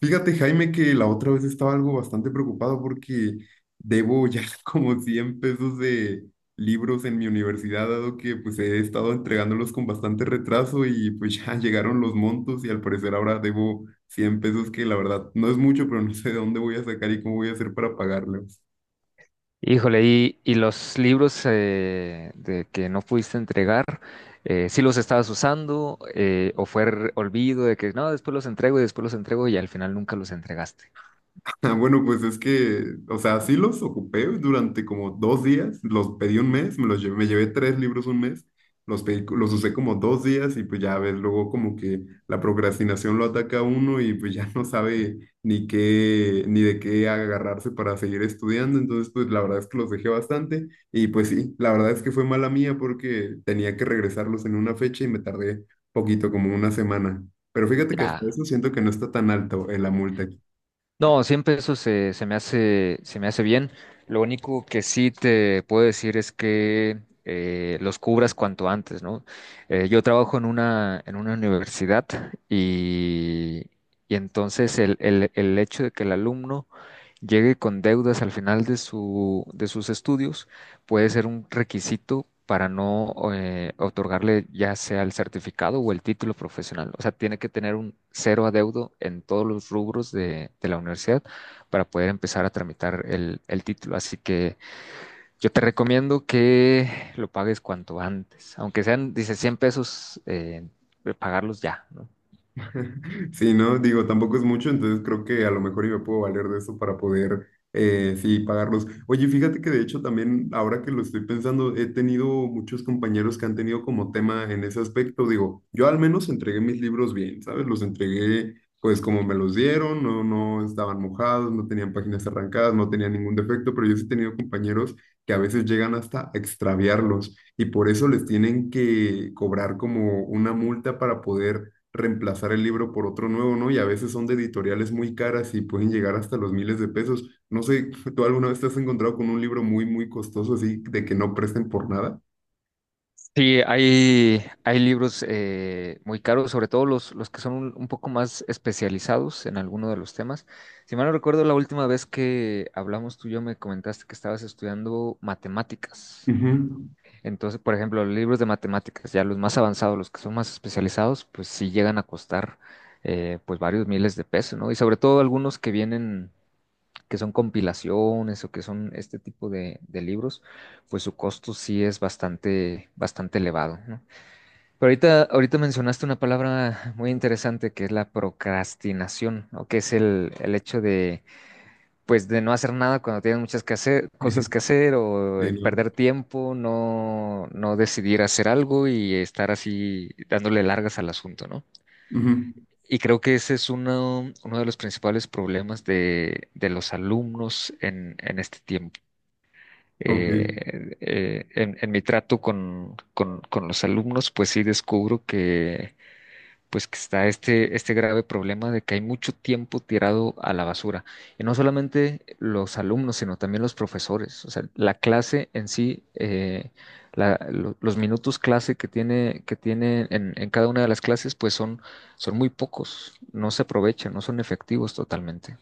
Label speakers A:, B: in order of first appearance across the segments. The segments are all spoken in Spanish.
A: Fíjate, Jaime, que la otra vez estaba algo bastante preocupado porque debo ya como 100 pesos de libros en mi universidad, dado que pues he estado entregándolos con bastante retraso y pues ya llegaron los montos y al parecer ahora debo 100 pesos que la verdad no es mucho, pero no sé de dónde voy a sacar y cómo voy a hacer para pagarlos.
B: Híjole, y los libros de que no pudiste entregar, ¿sí los estabas usando o fue olvido de que no, después los entrego y después los entrego y al final nunca los entregaste?
A: Ah, bueno, pues es que, o sea, sí los ocupé durante como dos días, los pedí un mes, me los llevé, me llevé tres libros un mes, los pedí, los usé como dos días y pues ya ves, luego como que la procrastinación lo ataca a uno y pues ya no sabe ni qué, ni de qué agarrarse para seguir estudiando, entonces pues la verdad es que los dejé bastante y pues sí, la verdad es que fue mala mía porque tenía que regresarlos en una fecha y me tardé poquito, como una semana. Pero fíjate que hasta
B: Ya.
A: eso siento que no está tan alto en la multa.
B: No, siempre eso se me hace bien. Lo único que sí te puedo decir es que los cubras cuanto antes, ¿no? Yo trabajo en una universidad, y, y entonces el hecho de que el alumno llegue con deudas al final de sus estudios, puede ser un requisito para no otorgarle ya sea el certificado o el título profesional. O sea, tiene que tener un cero adeudo en todos los rubros de la universidad para poder empezar a tramitar el título. Así que yo te recomiendo que lo pagues cuanto antes, aunque sean, dice, 100 pesos, pagarlos ya, ¿no?
A: Sí, ¿no? Digo, tampoco es mucho, entonces creo que a lo mejor y me puedo valer de eso para poder, sí, pagarlos. Oye, fíjate que de hecho también, ahora que lo estoy pensando, he tenido muchos compañeros que han tenido como tema en ese aspecto. Digo, yo al menos entregué mis libros bien, ¿sabes? Los entregué pues como me los dieron, no, no estaban mojados, no tenían páginas arrancadas, no tenían ningún defecto, pero yo sí he tenido compañeros que a veces llegan hasta a extraviarlos y por eso les tienen que cobrar como una multa para poder reemplazar el libro por otro nuevo, ¿no? Y a veces son de editoriales muy caras y pueden llegar hasta los miles de pesos. No sé, ¿tú alguna vez te has encontrado con un libro muy, muy costoso así de que no presten por nada?
B: Sí, hay libros muy caros, sobre todo los que son un poco más especializados en alguno de los temas. Si mal no recuerdo, la última vez que hablamos tú y yo me comentaste que estabas estudiando matemáticas.
A: Ujú.
B: Entonces, por ejemplo, los libros de matemáticas, ya los más avanzados, los que son más especializados, pues sí llegan a costar pues varios miles de pesos, ¿no? Y sobre todo algunos que vienen, que son compilaciones o que son este tipo de libros, pues su costo sí es bastante, bastante elevado, ¿no? Pero ahorita mencionaste una palabra muy interesante que es la procrastinación, o que es el hecho pues de no hacer nada cuando tienes muchas cosas que hacer o
A: Sí, ¿no?
B: perder tiempo, no decidir hacer algo y estar así dándole largas al asunto, ¿no?
A: Ujú.
B: Y creo que ese es uno de los principales problemas de los alumnos en este tiempo.
A: Ok.
B: En mi trato con los alumnos, pues sí descubro que pues que está este grave problema de que hay mucho tiempo tirado a la basura. Y no solamente los alumnos, sino también los profesores. O sea, la clase en sí, los minutos clase que tiene en cada una de las clases, pues son muy pocos, no se aprovechan, no son efectivos totalmente.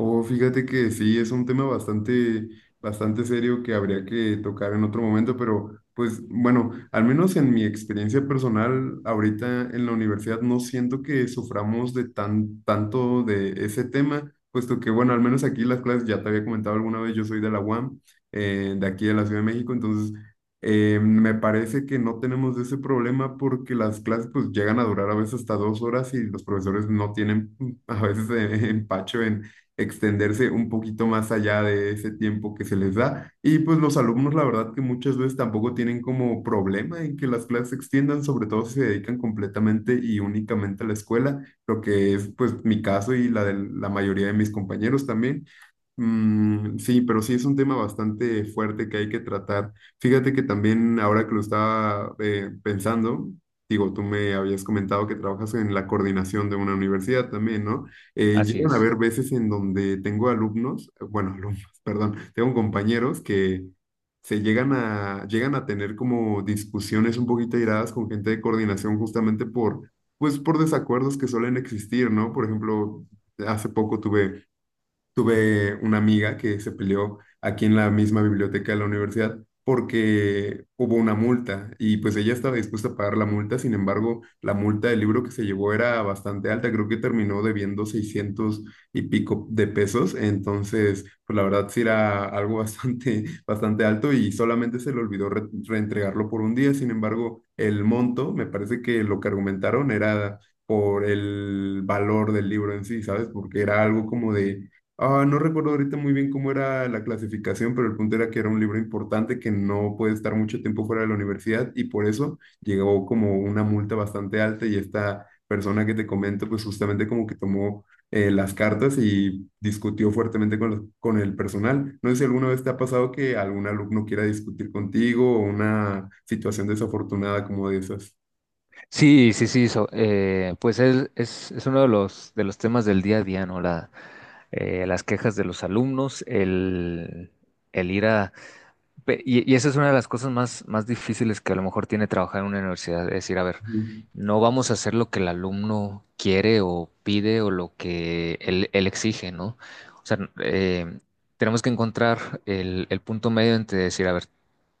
A: Oh, fíjate que sí, es un tema bastante, bastante serio que habría que tocar en otro momento, pero pues bueno, al menos en mi experiencia personal, ahorita en la universidad no siento que suframos de tan, tanto de ese tema, puesto que bueno, al menos aquí las clases, ya te había comentado alguna vez, yo soy de la UAM, de aquí de la Ciudad de México, entonces me parece que no tenemos ese problema porque las clases pues llegan a durar a veces hasta dos horas y los profesores no tienen a veces empacho extenderse un poquito más allá de ese tiempo que se les da. Y pues los alumnos, la verdad que muchas veces tampoco tienen como problema en que las clases se extiendan, sobre todo si se dedican completamente y únicamente a la escuela, lo que es pues mi caso y la de la mayoría de mis compañeros también. Mm, sí, pero sí es un tema bastante fuerte que hay que tratar. Fíjate que también ahora que lo estaba pensando, digo, tú me habías comentado que trabajas en la coordinación de una universidad también, ¿no?
B: Así
A: Llegan a
B: es.
A: haber veces en donde tengo alumnos, bueno, alumnos, perdón, tengo compañeros que llegan a tener como discusiones un poquito airadas con gente de coordinación justamente por, pues, por desacuerdos que suelen existir, ¿no? Por ejemplo, hace poco tuve una amiga que se peleó aquí en la misma biblioteca de la universidad porque hubo una multa y pues ella estaba dispuesta a pagar la multa, sin embargo, la multa del libro que se llevó era bastante alta, creo que terminó debiendo 600 y pico de pesos, entonces pues la verdad sí era algo bastante, bastante alto y solamente se le olvidó reentregarlo por un día, sin embargo, el monto, me parece que lo que argumentaron era por el valor del libro en sí, ¿sabes? Porque era algo como de... Ah, no recuerdo ahorita muy bien cómo era la clasificación, pero el punto era que era un libro importante que no puede estar mucho tiempo fuera de la universidad y por eso llegó como una multa bastante alta y esta persona que te comento pues justamente como que tomó las cartas y discutió fuertemente con, con el personal. No sé si alguna vez te ha pasado que algún alumno quiera discutir contigo o una situación desafortunada como de esas.
B: Sí, sí, sí, pues es uno de de los temas del día a día, ¿no? Las quejas de los alumnos, el ir a. Y esa es una de las cosas más difíciles que a lo mejor tiene trabajar en una universidad, es decir, a ver, no vamos a hacer lo que el alumno quiere o pide o lo que él exige, ¿no? O sea, tenemos que encontrar el punto medio entre decir, a ver,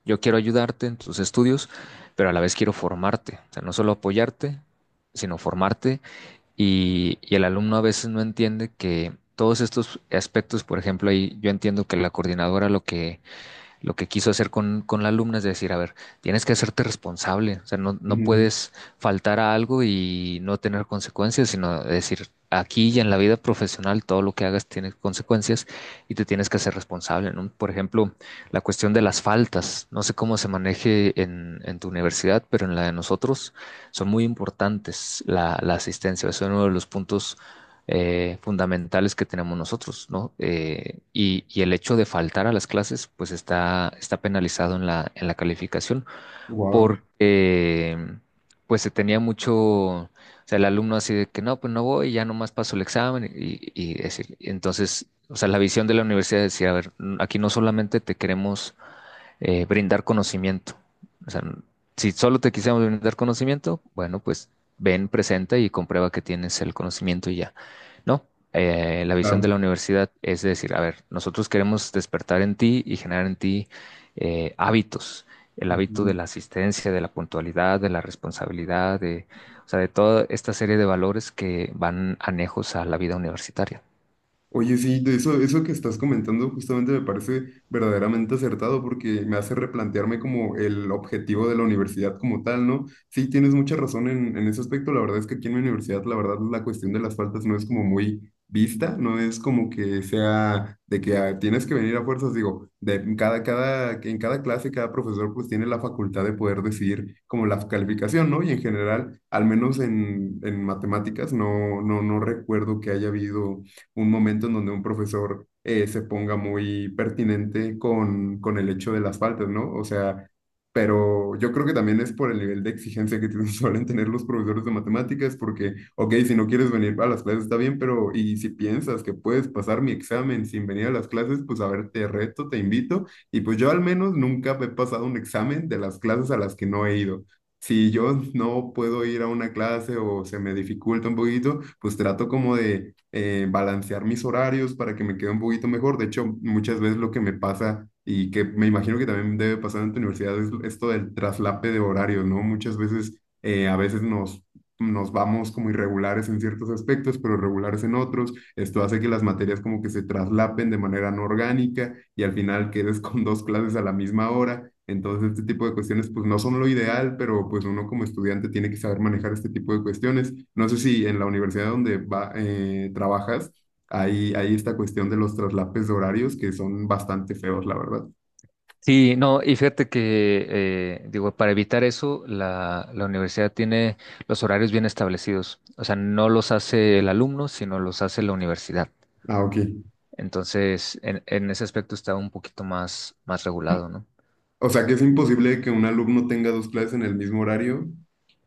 B: yo quiero ayudarte en tus estudios, pero a la vez quiero formarte, o sea, no solo apoyarte, sino formarte. Y el alumno a veces no entiende que todos estos aspectos, por ejemplo, ahí yo entiendo que la coordinadora lo que quiso hacer con la alumna es decir, a ver, tienes que hacerte responsable, o sea, no puedes faltar a algo y no tener consecuencias, sino decir, aquí y en la vida profesional todo lo que hagas tiene consecuencias y te tienes que hacer responsable, ¿no? Por ejemplo, la cuestión de las faltas, no sé cómo se maneje en tu universidad, pero en la de nosotros son muy importantes la asistencia, es uno de los puntos fundamentales que tenemos nosotros, ¿no? Y el hecho de faltar a las clases, pues está penalizado en la calificación,
A: Wow.
B: porque pues se tenía mucho, o sea, el alumno así de que no, pues no voy, ya nomás paso el examen y decir, entonces, o sea, la visión de la universidad es decir, a ver, aquí no solamente te queremos brindar conocimiento. O sea, si solo te quisiéramos brindar conocimiento, bueno, pues ven, presenta y comprueba que tienes el conocimiento y ya. No, la visión de
A: Claro.
B: la universidad es decir, a ver, nosotros queremos despertar en ti y generar en ti hábitos, el hábito de la asistencia, de la puntualidad, de la responsabilidad, o sea, de toda esta serie de valores que van anejos a la vida universitaria.
A: Oye, sí, de eso, eso que estás comentando justamente me parece verdaderamente acertado porque me hace replantearme como el objetivo de la universidad como tal, ¿no? Sí, tienes mucha razón en ese aspecto. La verdad es que aquí en mi universidad, la verdad, la cuestión de las faltas no es como muy vista, no es como que sea de que ah, tienes que venir a fuerzas, digo, de cada, cada, que en cada clase, cada profesor pues tiene la facultad de poder decidir como la calificación, ¿no? Y en general, al menos en matemáticas, no, no, no recuerdo que haya habido un momento en donde un profesor se ponga muy pertinente con el hecho de las faltas, ¿no? O sea, pero yo creo que también es por el nivel de exigencia que suelen tener los profesores de matemáticas, porque, ok, si no quieres venir a las clases está bien, pero y si piensas que puedes pasar mi examen sin venir a las clases, pues a ver, te reto, te invito, y pues yo al menos nunca he pasado un examen de las clases a las que no he ido. Si yo no puedo ir a una clase o se me dificulta un poquito, pues trato como de balancear mis horarios para que me quede un poquito mejor. De hecho, muchas veces lo que me pasa y que me imagino que también debe pasar en tu universidad es esto del traslape de horarios, ¿no? Muchas veces, a veces nos vamos como irregulares en ciertos aspectos, pero regulares en otros. Esto hace que las materias como que se traslapen de manera no orgánica y al final quedes con dos clases a la misma hora. Entonces, este tipo de cuestiones pues no son lo ideal, pero pues uno como estudiante tiene que saber manejar este tipo de cuestiones. No sé si en la universidad donde va, trabajas hay esta cuestión de los traslapes de horarios que son bastante feos, la verdad.
B: Sí, no, y fíjate que, digo, para evitar eso, la universidad tiene los horarios bien establecidos. O sea, no los hace el alumno, sino los hace la universidad.
A: Ah, ok.
B: Entonces, en ese aspecto está un poquito más regulado, ¿no?
A: O sea, que es imposible que un alumno tenga dos clases en el mismo horario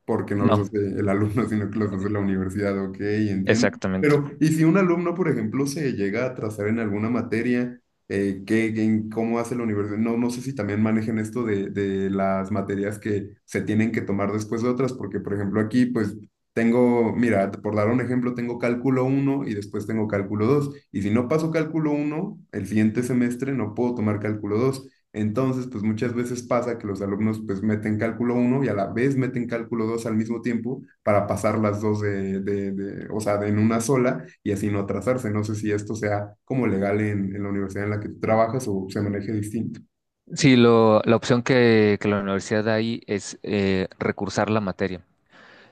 A: porque no los
B: No,
A: hace el alumno, sino que los hace la universidad, ok, entiendo.
B: exactamente.
A: Pero, ¿y si un alumno, por ejemplo, se llega a atrasar en alguna materia, ¿qué, en cómo hace la universidad? No, no sé si también manejen esto de las materias que se tienen que tomar después de otras, porque, por ejemplo, aquí, pues, tengo, mira, por dar un ejemplo, tengo cálculo uno y después tengo cálculo 2 y si no paso cálculo uno el siguiente semestre no puedo tomar cálculo dos, entonces, pues muchas veces pasa que los alumnos pues meten cálculo uno y a la vez meten cálculo 2 al mismo tiempo para pasar las dos de, o sea, de en una sola y así no atrasarse. No sé si esto sea como legal en la universidad en la que tú trabajas o se maneje distinto.
B: Sí, la opción que la universidad da ahí es recursar la materia.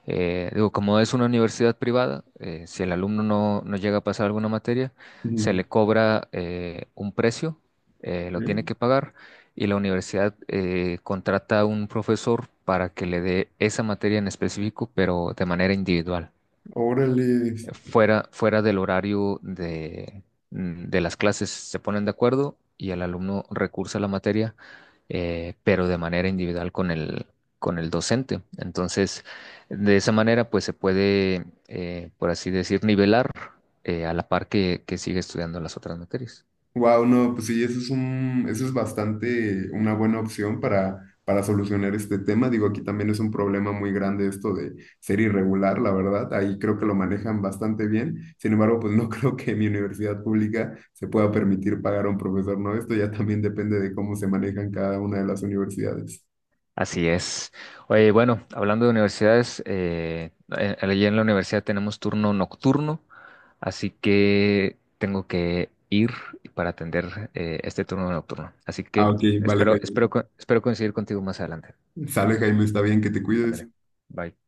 B: Digo, como es una universidad privada, si el alumno no llega a pasar alguna materia, se
A: Ujú.
B: le cobra un precio, lo tiene
A: Ok.
B: que pagar y la universidad contrata a un profesor para que le dé esa materia en específico, pero de manera individual
A: Órale.
B: fuera del horario de las clases. Se ponen de acuerdo y el alumno recursa a la materia, pero de manera individual con el docente. Entonces, de esa manera, pues se puede, por así decir, nivelar a la par que sigue estudiando las otras materias.
A: Wow, no, pues sí, eso es un, eso es bastante una buena opción para solucionar este tema. Digo, aquí también es un problema muy grande esto de ser irregular, la verdad. Ahí creo que lo manejan bastante bien. Sin embargo, pues no creo que mi universidad pública se pueda permitir pagar a un profesor, ¿no? Esto ya también depende de cómo se manejan cada una de las universidades.
B: Así es. Oye, bueno, hablando de universidades, allí en la universidad tenemos turno nocturno, así que tengo que ir para atender este turno nocturno. Así
A: Ah,
B: que
A: ok, vale,
B: espero, espero,
A: Jaime.
B: co- espero coincidir contigo más adelante.
A: Sale, Jaime, está bien que te cuides.
B: Ándale. Bye.